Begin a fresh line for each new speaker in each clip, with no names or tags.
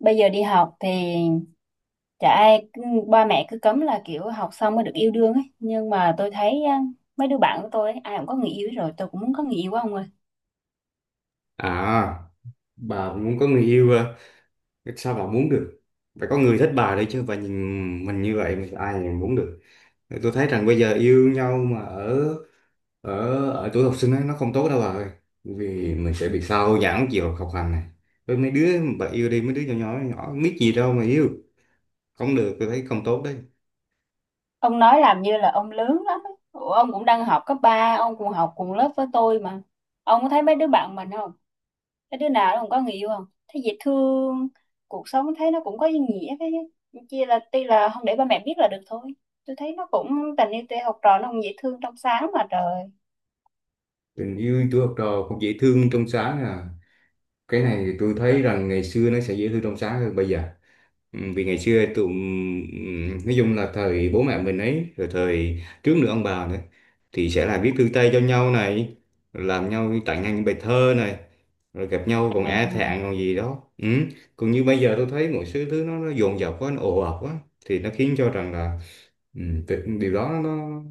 Bây giờ đi học thì chả ai cứ- ba mẹ cứ cấm là kiểu học xong mới được yêu đương ấy, nhưng mà tôi thấy á, mấy đứa bạn của tôi ấy, ai cũng có người yêu hết rồi, tôi cũng muốn có người yêu của ông ơi.
À, bà muốn có người yêu à? Sao bà muốn được? Phải có người thích bà đấy chứ, bà nhìn mình như vậy mà ai mà muốn được. Tôi thấy rằng bây giờ yêu nhau mà ở ở ở tuổi học sinh ấy, nó không tốt đâu bà ơi. Vì mình sẽ bị sao nhãng chiều học hành này. Với mấy đứa bà yêu đi, mấy đứa nhỏ nhỏ, nhỏ biết gì đâu mà yêu. Không được, tôi thấy không tốt đấy.
Ông nói làm như là ông lớn lắm ấy. Ủa, ông cũng đang học cấp ba, ông cũng học cùng lớp với tôi mà. Ông có thấy mấy đứa bạn mình không, cái đứa nào nó cũng có người yêu, không thấy dễ thương, cuộc sống thấy nó cũng có ý nghĩa. Cái chỉ là tuy là không để ba mẹ biết là được thôi. Tôi thấy nó cũng, tình yêu tuy học trò nó cũng dễ thương trong sáng mà trời.
Tình yêu tuổi học trò cũng dễ thương trong sáng à. Cái này thì tôi thấy rằng ngày xưa nó sẽ dễ thương trong sáng hơn bây giờ. Ừ, vì ngày xưa tụi nói chung là thời bố mẹ mình ấy, rồi thời trước nữa ông bà nữa, thì sẽ là viết thư tay cho nhau này, làm nhau tặng nhau những bài thơ này, rồi gặp nhau còn e
Ừ.
thẹn còn gì đó. Ừ, còn như bây giờ tôi thấy mọi thứ thứ nó dồn dập quá, nó ồ ạt quá, thì nó khiến cho rằng là, điều đó nó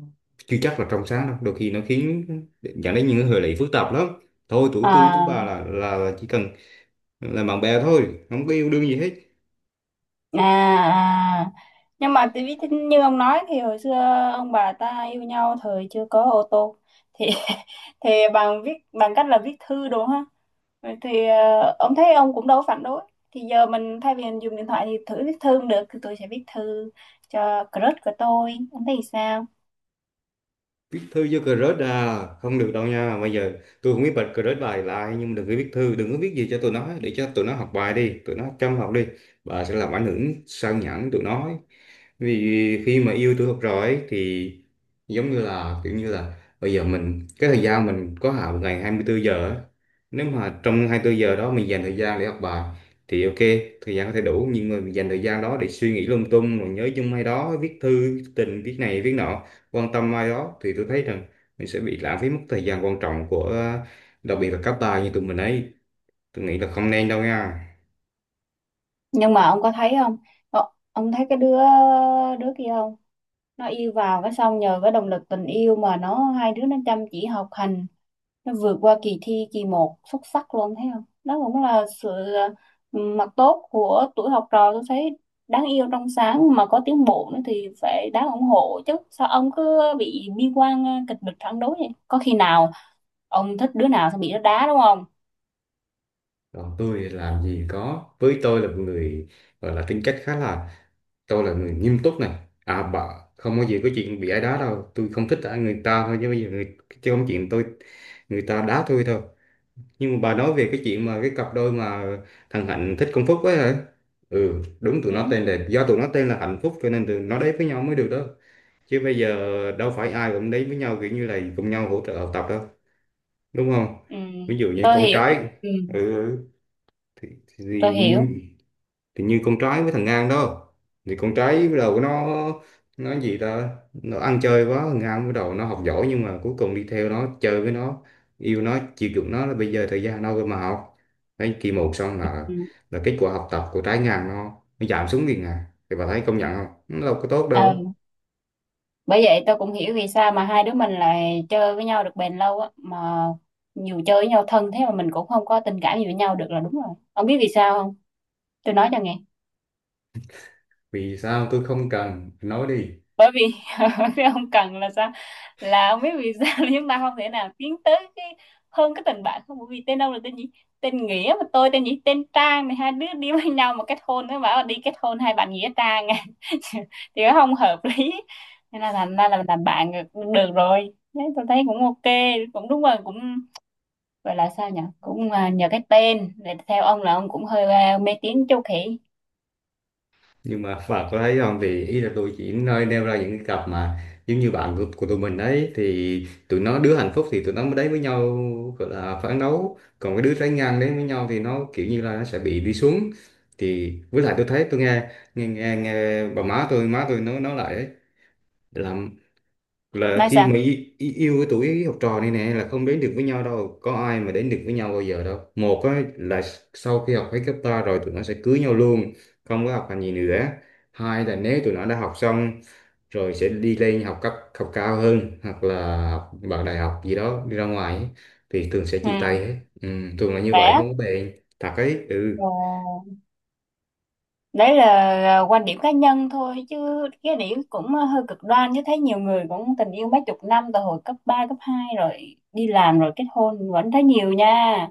chưa chắc là trong sáng đâu, đôi khi nó khiến dẫn đến những hệ lụy phức tạp lắm. Thôi tuổi tôi tuổi
À.
bà là chỉ cần là bạn bè thôi, không có yêu đương gì hết.
À, à. Nhưng mà tại vì như ông nói thì hồi xưa ông bà ta yêu nhau thời chưa có ô tô thì thì bằng viết, bằng cách là viết thư đúng không? Vậy thì ông thấy ông cũng đâu có phản đối. Thì giờ mình thay vì mình dùng điện thoại thì thử viết thư cũng được, thì tôi sẽ viết thư cho crush của tôi. Ông thấy sao?
Viết thư vô crush à, không được đâu nha, bây giờ tôi không biết bật crush bài lại, nhưng đừng có viết thư, đừng có viết gì cho tụi nó, để cho tụi nó học bài đi, tụi nó chăm học đi, bà sẽ làm ảnh hưởng sao nhãng tụi nó ấy. Vì khi mà yêu tôi học rồi ấy, thì giống như là kiểu như là bây giờ mình cái thời gian mình có hạn, một ngày 24 giờ á. Nếu mà trong 24 giờ đó mình dành thời gian để học bài thì ok, thời gian có thể đủ. Nhưng mà mình dành thời gian đó để suy nghĩ lung tung, rồi nhớ chung hay đó, viết thư viết tình, viết này viết nọ, quan tâm ai đó, thì tôi thấy rằng mình sẽ bị lãng phí mất thời gian quan trọng của đặc biệt là các bà như tụi mình ấy. Tôi nghĩ là không nên đâu nha.
Nhưng mà ông có thấy không? Ờ, ông thấy cái đứa, đứa kia không? Nó yêu vào cái xong nhờ cái động lực tình yêu mà nó, hai đứa nó chăm chỉ học hành, nó vượt qua kỳ thi kỳ một xuất sắc luôn, thấy không, đó cũng là sự, ừ, mặt tốt của tuổi học trò. Tôi thấy đáng yêu trong sáng mà có tiến bộ nữa thì phải đáng ủng hộ chứ, sao ông cứ bị bi quan, kịch bịch phản đối vậy, có khi nào ông thích đứa nào xong bị nó đá đúng không?
Còn tôi làm gì có, với tôi là một người gọi là tính cách khá là, tôi là người nghiêm túc này, à bà, không có gì có chuyện bị ai đá đâu, tôi không thích ai người ta thôi, chứ bây giờ người, chứ không chuyện tôi, người ta đá tôi thôi. Nhưng mà bà nói về cái chuyện mà cái cặp đôi mà thằng Hạnh thích con Phúc ấy hả. Ừ đúng, tụi
Ừ.
nó tên là, do tụi nó tên là Hạnh Phúc cho nên tụi nó đấy với nhau mới được đó. Chứ bây giờ đâu phải ai cũng đến với nhau kiểu như là cùng nhau hỗ trợ học tập đâu, đúng không.
Ừ.
Ví dụ như
Tôi
con
hiểu.
trai,
Ừ.
ừ, ừ, thì,
Tôi
thì,
hiểu.
thì như con trai với thằng Ngang đó, thì con trai bắt đầu nó gì ta, nó ăn chơi quá, thằng Ngang bắt đầu nó học giỏi nhưng mà cuối cùng đi theo nó, chơi với nó, yêu nó, chiều chuộng nó, là bây giờ thời gian đâu cơ mà học. Đấy kỳ một xong
Ừ.
là kết quả học tập của trái Ngang nó giảm xuống liền. À thì bà thấy công nhận không, nó đâu có tốt
Ờ,
đâu.
bởi vậy tôi cũng hiểu vì sao mà hai đứa mình lại chơi với nhau được bền lâu á mà, dù chơi với nhau thân thế mà mình cũng không có tình cảm gì với nhau được, là đúng rồi. Ông biết vì sao không, tôi nói cho nghe.
Vì sao tôi không cần nói đi,
Bởi vì cái ông cần là sao, là không biết vì sao là chúng ta không thể nào tiến tới cái hơn cái tình bạn, không bởi vì tên ông là tên gì, tên Nghĩa mà tôi tên gì, tên Trang, thì hai đứa đi với nhau mà kết hôn nó bảo là đi kết hôn hai bạn Nghĩa Trang à. Thì nó không hợp lý, nên là thành ra là mình làm bạn được, được rồi đấy, tôi thấy cũng ok, cũng đúng rồi, cũng gọi là sao nhỉ, cũng, nhờ cái tên. Để theo ông là ông cũng hơi, mê tín châu khỉ.
nhưng mà và có thấy không, thì ý là tôi chỉ nơi nêu ra những cái cặp mà giống như bạn của tụi mình đấy, thì tụi nó đứa hạnh phúc thì tụi nó mới đấy với nhau, gọi là phản đấu, còn cái đứa trái ngang đấy với nhau thì nó kiểu như là nó sẽ bị đi xuống. Thì với lại tôi thấy tôi nghe bà má tôi nói lại ấy, là là
Nói
khi
sao?
mà yêu cái tuổi học trò này nè, là không đến được với nhau đâu, có ai mà đến được với nhau bao giờ đâu. Một á, là sau khi học hết cấp ba rồi tụi nó sẽ cưới nhau luôn, không có học hành gì nữa. Hai là nếu tụi nó đã học xong rồi sẽ đi lên học cấp, học cao hơn hoặc là học vào đại học gì đó, đi ra ngoài ấy, thì thường sẽ
Ừ,
chia tay hết. Ừ, thường là như vậy,
vẽ.
không có bền thật ấy, ừ.
Ồ. Đấy là quan điểm cá nhân thôi, chứ cái điểm cũng hơi cực đoan chứ, thấy nhiều người cũng tình yêu mấy chục năm từ hồi cấp 3 cấp 2 rồi đi làm rồi kết hôn vẫn thấy nhiều nha.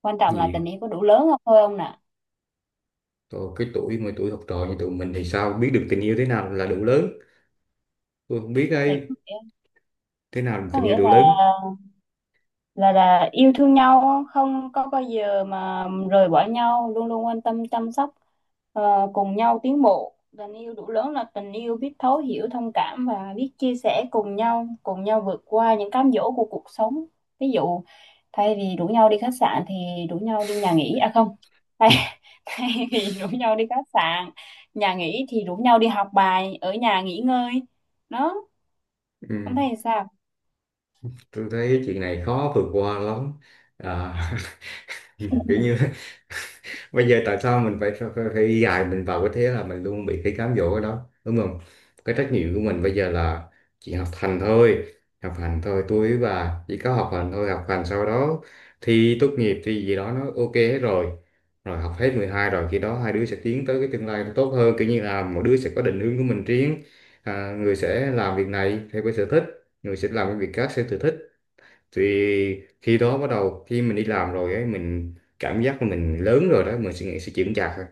Quan trọng là
Gì?
tình yêu có đủ lớn không thôi ông nè.
Thôi, cái tuổi mà tuổi học trò như tụi mình thì sao biết được tình yêu thế nào là đủ lớn, tôi không biết
Thì
đây thế nào là
có
tình yêu
nghĩa
đủ
là,
lớn.
là yêu thương nhau không có bao giờ mà rời bỏ nhau, luôn luôn quan tâm chăm sóc, ờ, cùng nhau tiến bộ. Tình yêu đủ lớn là tình yêu biết thấu hiểu thông cảm và biết chia sẻ cùng nhau, cùng nhau vượt qua những cám dỗ của cuộc sống. Ví dụ thay vì rủ nhau đi khách sạn thì rủ nhau đi nhà nghỉ, à không, thay, thay vì rủ nhau đi khách sạn nhà nghỉ thì rủ nhau đi học bài ở nhà nghỉ ngơi, đó. Ông
Ừ,
thấy thì sao?
tôi thấy chuyện này khó vượt qua lắm, à, kiểu như bây giờ tại sao mình phải đi dài mình vào cái thế là mình luôn bị cái cám dỗ ở đó, đúng không. Cái trách nhiệm của mình bây giờ là chỉ học hành thôi, học hành thôi tôi, và chỉ có học hành thôi, học hành sau đó thi tốt nghiệp thì gì đó nó ok hết rồi. Rồi học hết 12 rồi, khi đó hai đứa sẽ tiến tới cái tương lai nó tốt hơn, kiểu như là mỗi đứa sẽ có định hướng của mình riêng. À, người sẽ làm việc này theo cái sở thích, người sẽ làm cái việc khác theo sở thích, thì khi đó bắt đầu khi mình đi làm rồi ấy, mình cảm giác là mình lớn rồi đó, mình suy nghĩ sẽ chững chạc thôi.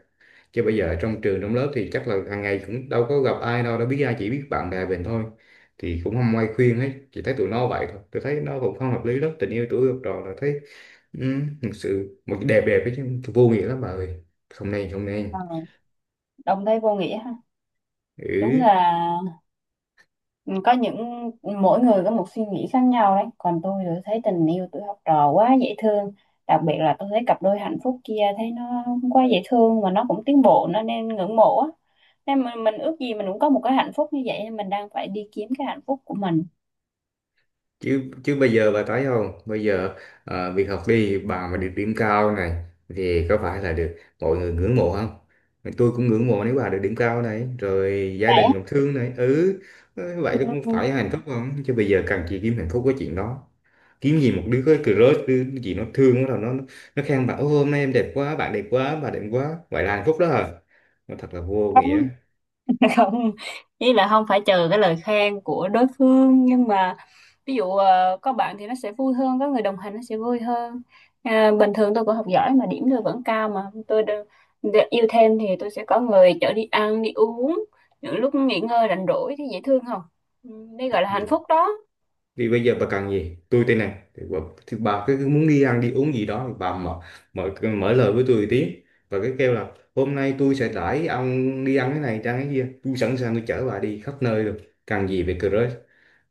Chứ bây giờ ở trong trường trong lớp thì chắc là hàng ngày cũng đâu có gặp ai đâu, đâu biết ai, chỉ biết bạn bè mình thôi, thì cũng không ai khuyên hết, chỉ thấy tụi nó vậy thôi. Tôi thấy nó cũng không hợp lý lắm, tình yêu tuổi học trò là thấy, ừ, thực sự một cái đẹp đẹp ấy chứ vô nghĩa lắm bà ơi, không nên không
Ờ,
nên.
đồng thấy vô nghĩa ha. Đúng
Ừ,
là, ừ, có những, mỗi người có một suy nghĩ khác nhau đấy, còn tôi thì thấy tình yêu tuổi học trò quá dễ thương. Đặc biệt là tôi thấy cặp đôi hạnh phúc kia, thấy nó quá dễ thương mà nó cũng tiến bộ, nó nên ngưỡng mộ á, nên mình ước gì mình cũng có một cái hạnh phúc như vậy, nên mình đang phải đi kiếm cái hạnh phúc của mình.
chứ chứ bây giờ bà thấy không, bây giờ việc học đi bà, mà được điểm cao này thì có phải là được mọi người ngưỡng mộ không. Tôi cũng ngưỡng mộ nếu bà được điểm cao này, rồi gia
Vậy
đình
á.
cũng thương này, ừ. Ờ, vậy nó cũng
Ừ.
phải hạnh phúc không, chứ bây giờ cần chị kiếm hạnh phúc cái chuyện đó, kiếm gì một đứa cái crush đứa gì nó thương, bắt đầu nó khen bà, ô hôm nay em đẹp quá, bạn đẹp quá, bà đẹp quá, vậy là hạnh phúc đó hả. Nó thật là vô
Không,
nghĩa.
không, ý là không phải chờ cái lời khen của đối phương, nhưng mà ví dụ có bạn thì nó sẽ vui hơn, có người đồng hành nó sẽ vui hơn. À, bình thường tôi cũng học giỏi mà điểm tôi vẫn cao mà, yêu thêm thì tôi sẽ có người chở đi ăn đi uống những lúc nghỉ ngơi rảnh rỗi, thì dễ thương không? Ừ, đây gọi là hạnh phúc đó.
Thì bây giờ bà cần gì tôi tên này thì bà cứ cứ muốn đi ăn đi uống gì đó thì bà mở mở mở lời với tôi một tiếng, và cái kêu là hôm nay tôi sẽ đãi ông đi ăn cái này ăn cái kia, tôi sẵn sàng, tôi chở bà đi khắp nơi được. Cần gì về crush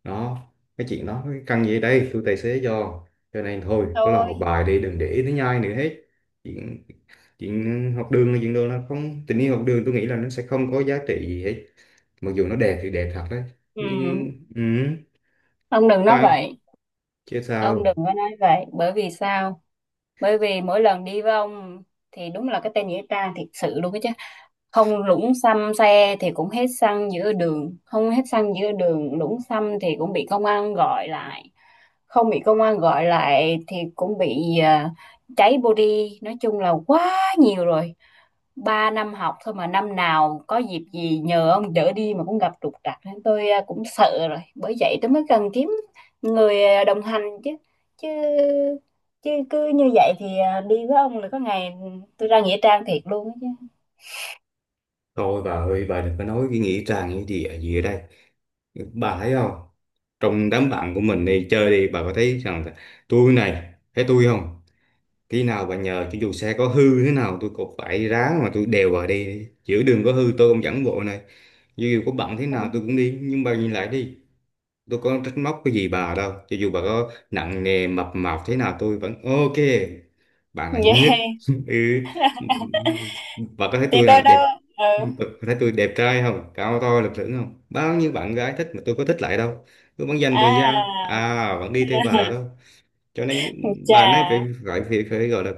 đó, cái chuyện đó cái cần gì, đây tôi tài xế cho. Cho nên thôi, nó là học
Thôi.
bài đi, đừng để nó nhai nữa hết. Chuyện Chuyện học đường là chuyện đường nó, không tình yêu học đường, tôi nghĩ là nó sẽ không có giá trị gì hết, mặc dù nó đẹp thì đẹp thật đấy. Nhưng
Ừ.
ừ,
Ông đừng nói
bye.
vậy.
Chứ
Ông đừng
sao.
có nói vậy, bởi vì sao? Bởi vì mỗi lần đi với ông thì đúng là cái tên nghĩa trang thiệt sự luôn đó chứ. Không lũng xăm xe thì cũng hết xăng giữa đường, không hết xăng giữa đường lũng xăm thì cũng bị công an gọi lại, không bị công an gọi lại thì cũng bị, cháy body. Nói chung là quá nhiều rồi, ba năm học thôi mà năm nào có dịp gì nhờ ông đỡ đi mà cũng gặp trục trặc, nên tôi cũng sợ rồi, bởi vậy tôi mới cần kiếm người đồng hành chứ. Chứ chứ cứ như vậy thì, à, đi với ông là có ngày tôi ra nghĩa trang thiệt luôn á.
Thôi bà ơi, bà đừng có nói cái nghĩa trang như gì ở đây. Bà thấy không? Trong đám bạn của mình đi chơi đi, bà có thấy rằng là tôi này, thấy tôi không? Khi nào bà nhờ cho dù xe có hư thế nào tôi cũng phải ráng mà tôi đèo bà đi. Giữa đường có hư tôi cũng dẫn bộ này. Dù có bận thế
Chứ
nào tôi cũng đi, nhưng bà nhìn lại đi, tôi có trách móc cái gì bà đâu, cho dù bà có nặng nề mập mạp thế nào tôi vẫn ok, bạn là nhất.
vậy
Ừ, bà có thấy
thì
tôi
tôi
là
đâu,
đẹp,
ừ,
bà có thấy tôi đẹp trai không, cao to lực lưỡng không, bao nhiêu bạn gái thích mà tôi có thích lại đâu, tôi vẫn dành thời gian
à,
à vẫn đi theo bà đâu. Cho nên
chà,
bà này phải, phải phải, phải gọi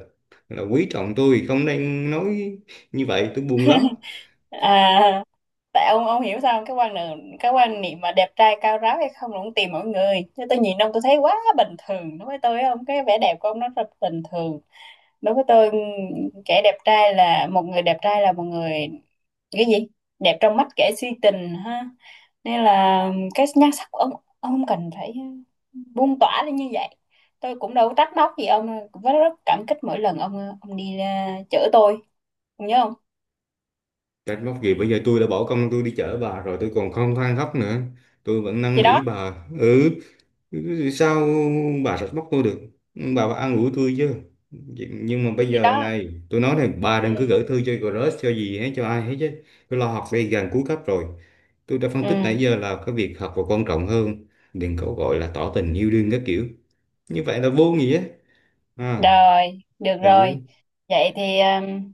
là quý trọng tôi, không nên nói như vậy, tôi buồn lắm.
à, tại ông hiểu sao không? Cái quan niệm, cái quan niệm mà đẹp trai cao ráo hay không là cũng tùy mọi người chứ, tôi nhìn ông tôi thấy quá bình thường. Đối với tôi ông cái vẻ đẹp của ông nó rất bình thường. Đối với tôi kẻ đẹp trai là một người, đẹp trai là một người, cái gì, đẹp trong mắt kẻ si tình ha. Nên là cái nhan sắc của ông không cần phải buông tỏa lên như vậy. Tôi cũng đâu có trách móc gì ông đâu, cũng rất cảm kích mỗi lần ông đi ra chở tôi, ông nhớ không?
Trách móc gì, bây giờ tôi đã bỏ công tôi đi chở bà rồi, tôi còn không than khóc nữa, tôi vẫn năn
Thì
nỉ
đó.
bà, ừ. Sao bà trách móc tôi được, bà phải an ủi tôi chứ. Nhưng mà bây
Thì
giờ
đó.
này tôi nói này, bà
Ừ.
đừng cứ gửi thư cho crush cho gì hết, cho ai hết chứ. Tôi lo học đây, gần cuối cấp rồi, tôi đã phân
Ừ.
tích nãy giờ là cái việc học là quan trọng hơn. Đừng có gọi là tỏ tình yêu đương các kiểu, như vậy là vô nghĩa. À,
Rồi, được
ừ.
rồi. Vậy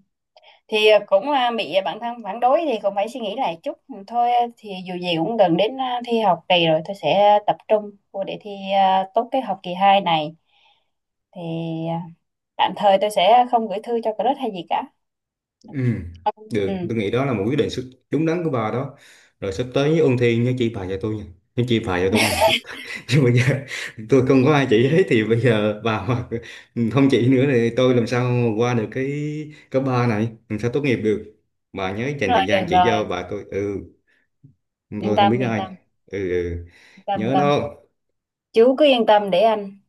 thì cũng bị bản thân phản đối thì cũng phải suy nghĩ lại chút. Ừ, thôi, thì dù gì cũng gần đến, thi học kỳ rồi, tôi sẽ tập trung vô để thi, tốt cái học kỳ 2 này, thì ờ, tạm thời tôi sẽ không gửi thư cho crush hay gì cả.
Ừ,
Ừ. Ừ.
được, tôi nghĩ đó là một quyết định đúng đắn của bà đó. Rồi sắp tới nhớ ôn thi, nhớ chỉ bài cho tôi nha, nhớ chỉ bài cho tôi nghe. Chứ bây giờ tôi không có ai chỉ hết, thì bây giờ bà mà không chỉ nữa thì tôi làm sao mà qua được cái cấp ba này, làm sao tốt nghiệp được. Bà nhớ dành
Rồi,
thời gian
được
chỉ
rồi.
cho bà tôi. Ừ,
Yên
tôi không
tâm
biết
yên tâm.
ai. Ừ, ừ.
Yên tâm yên
Nhớ
tâm.
đó.
Chú cứ yên tâm để anh.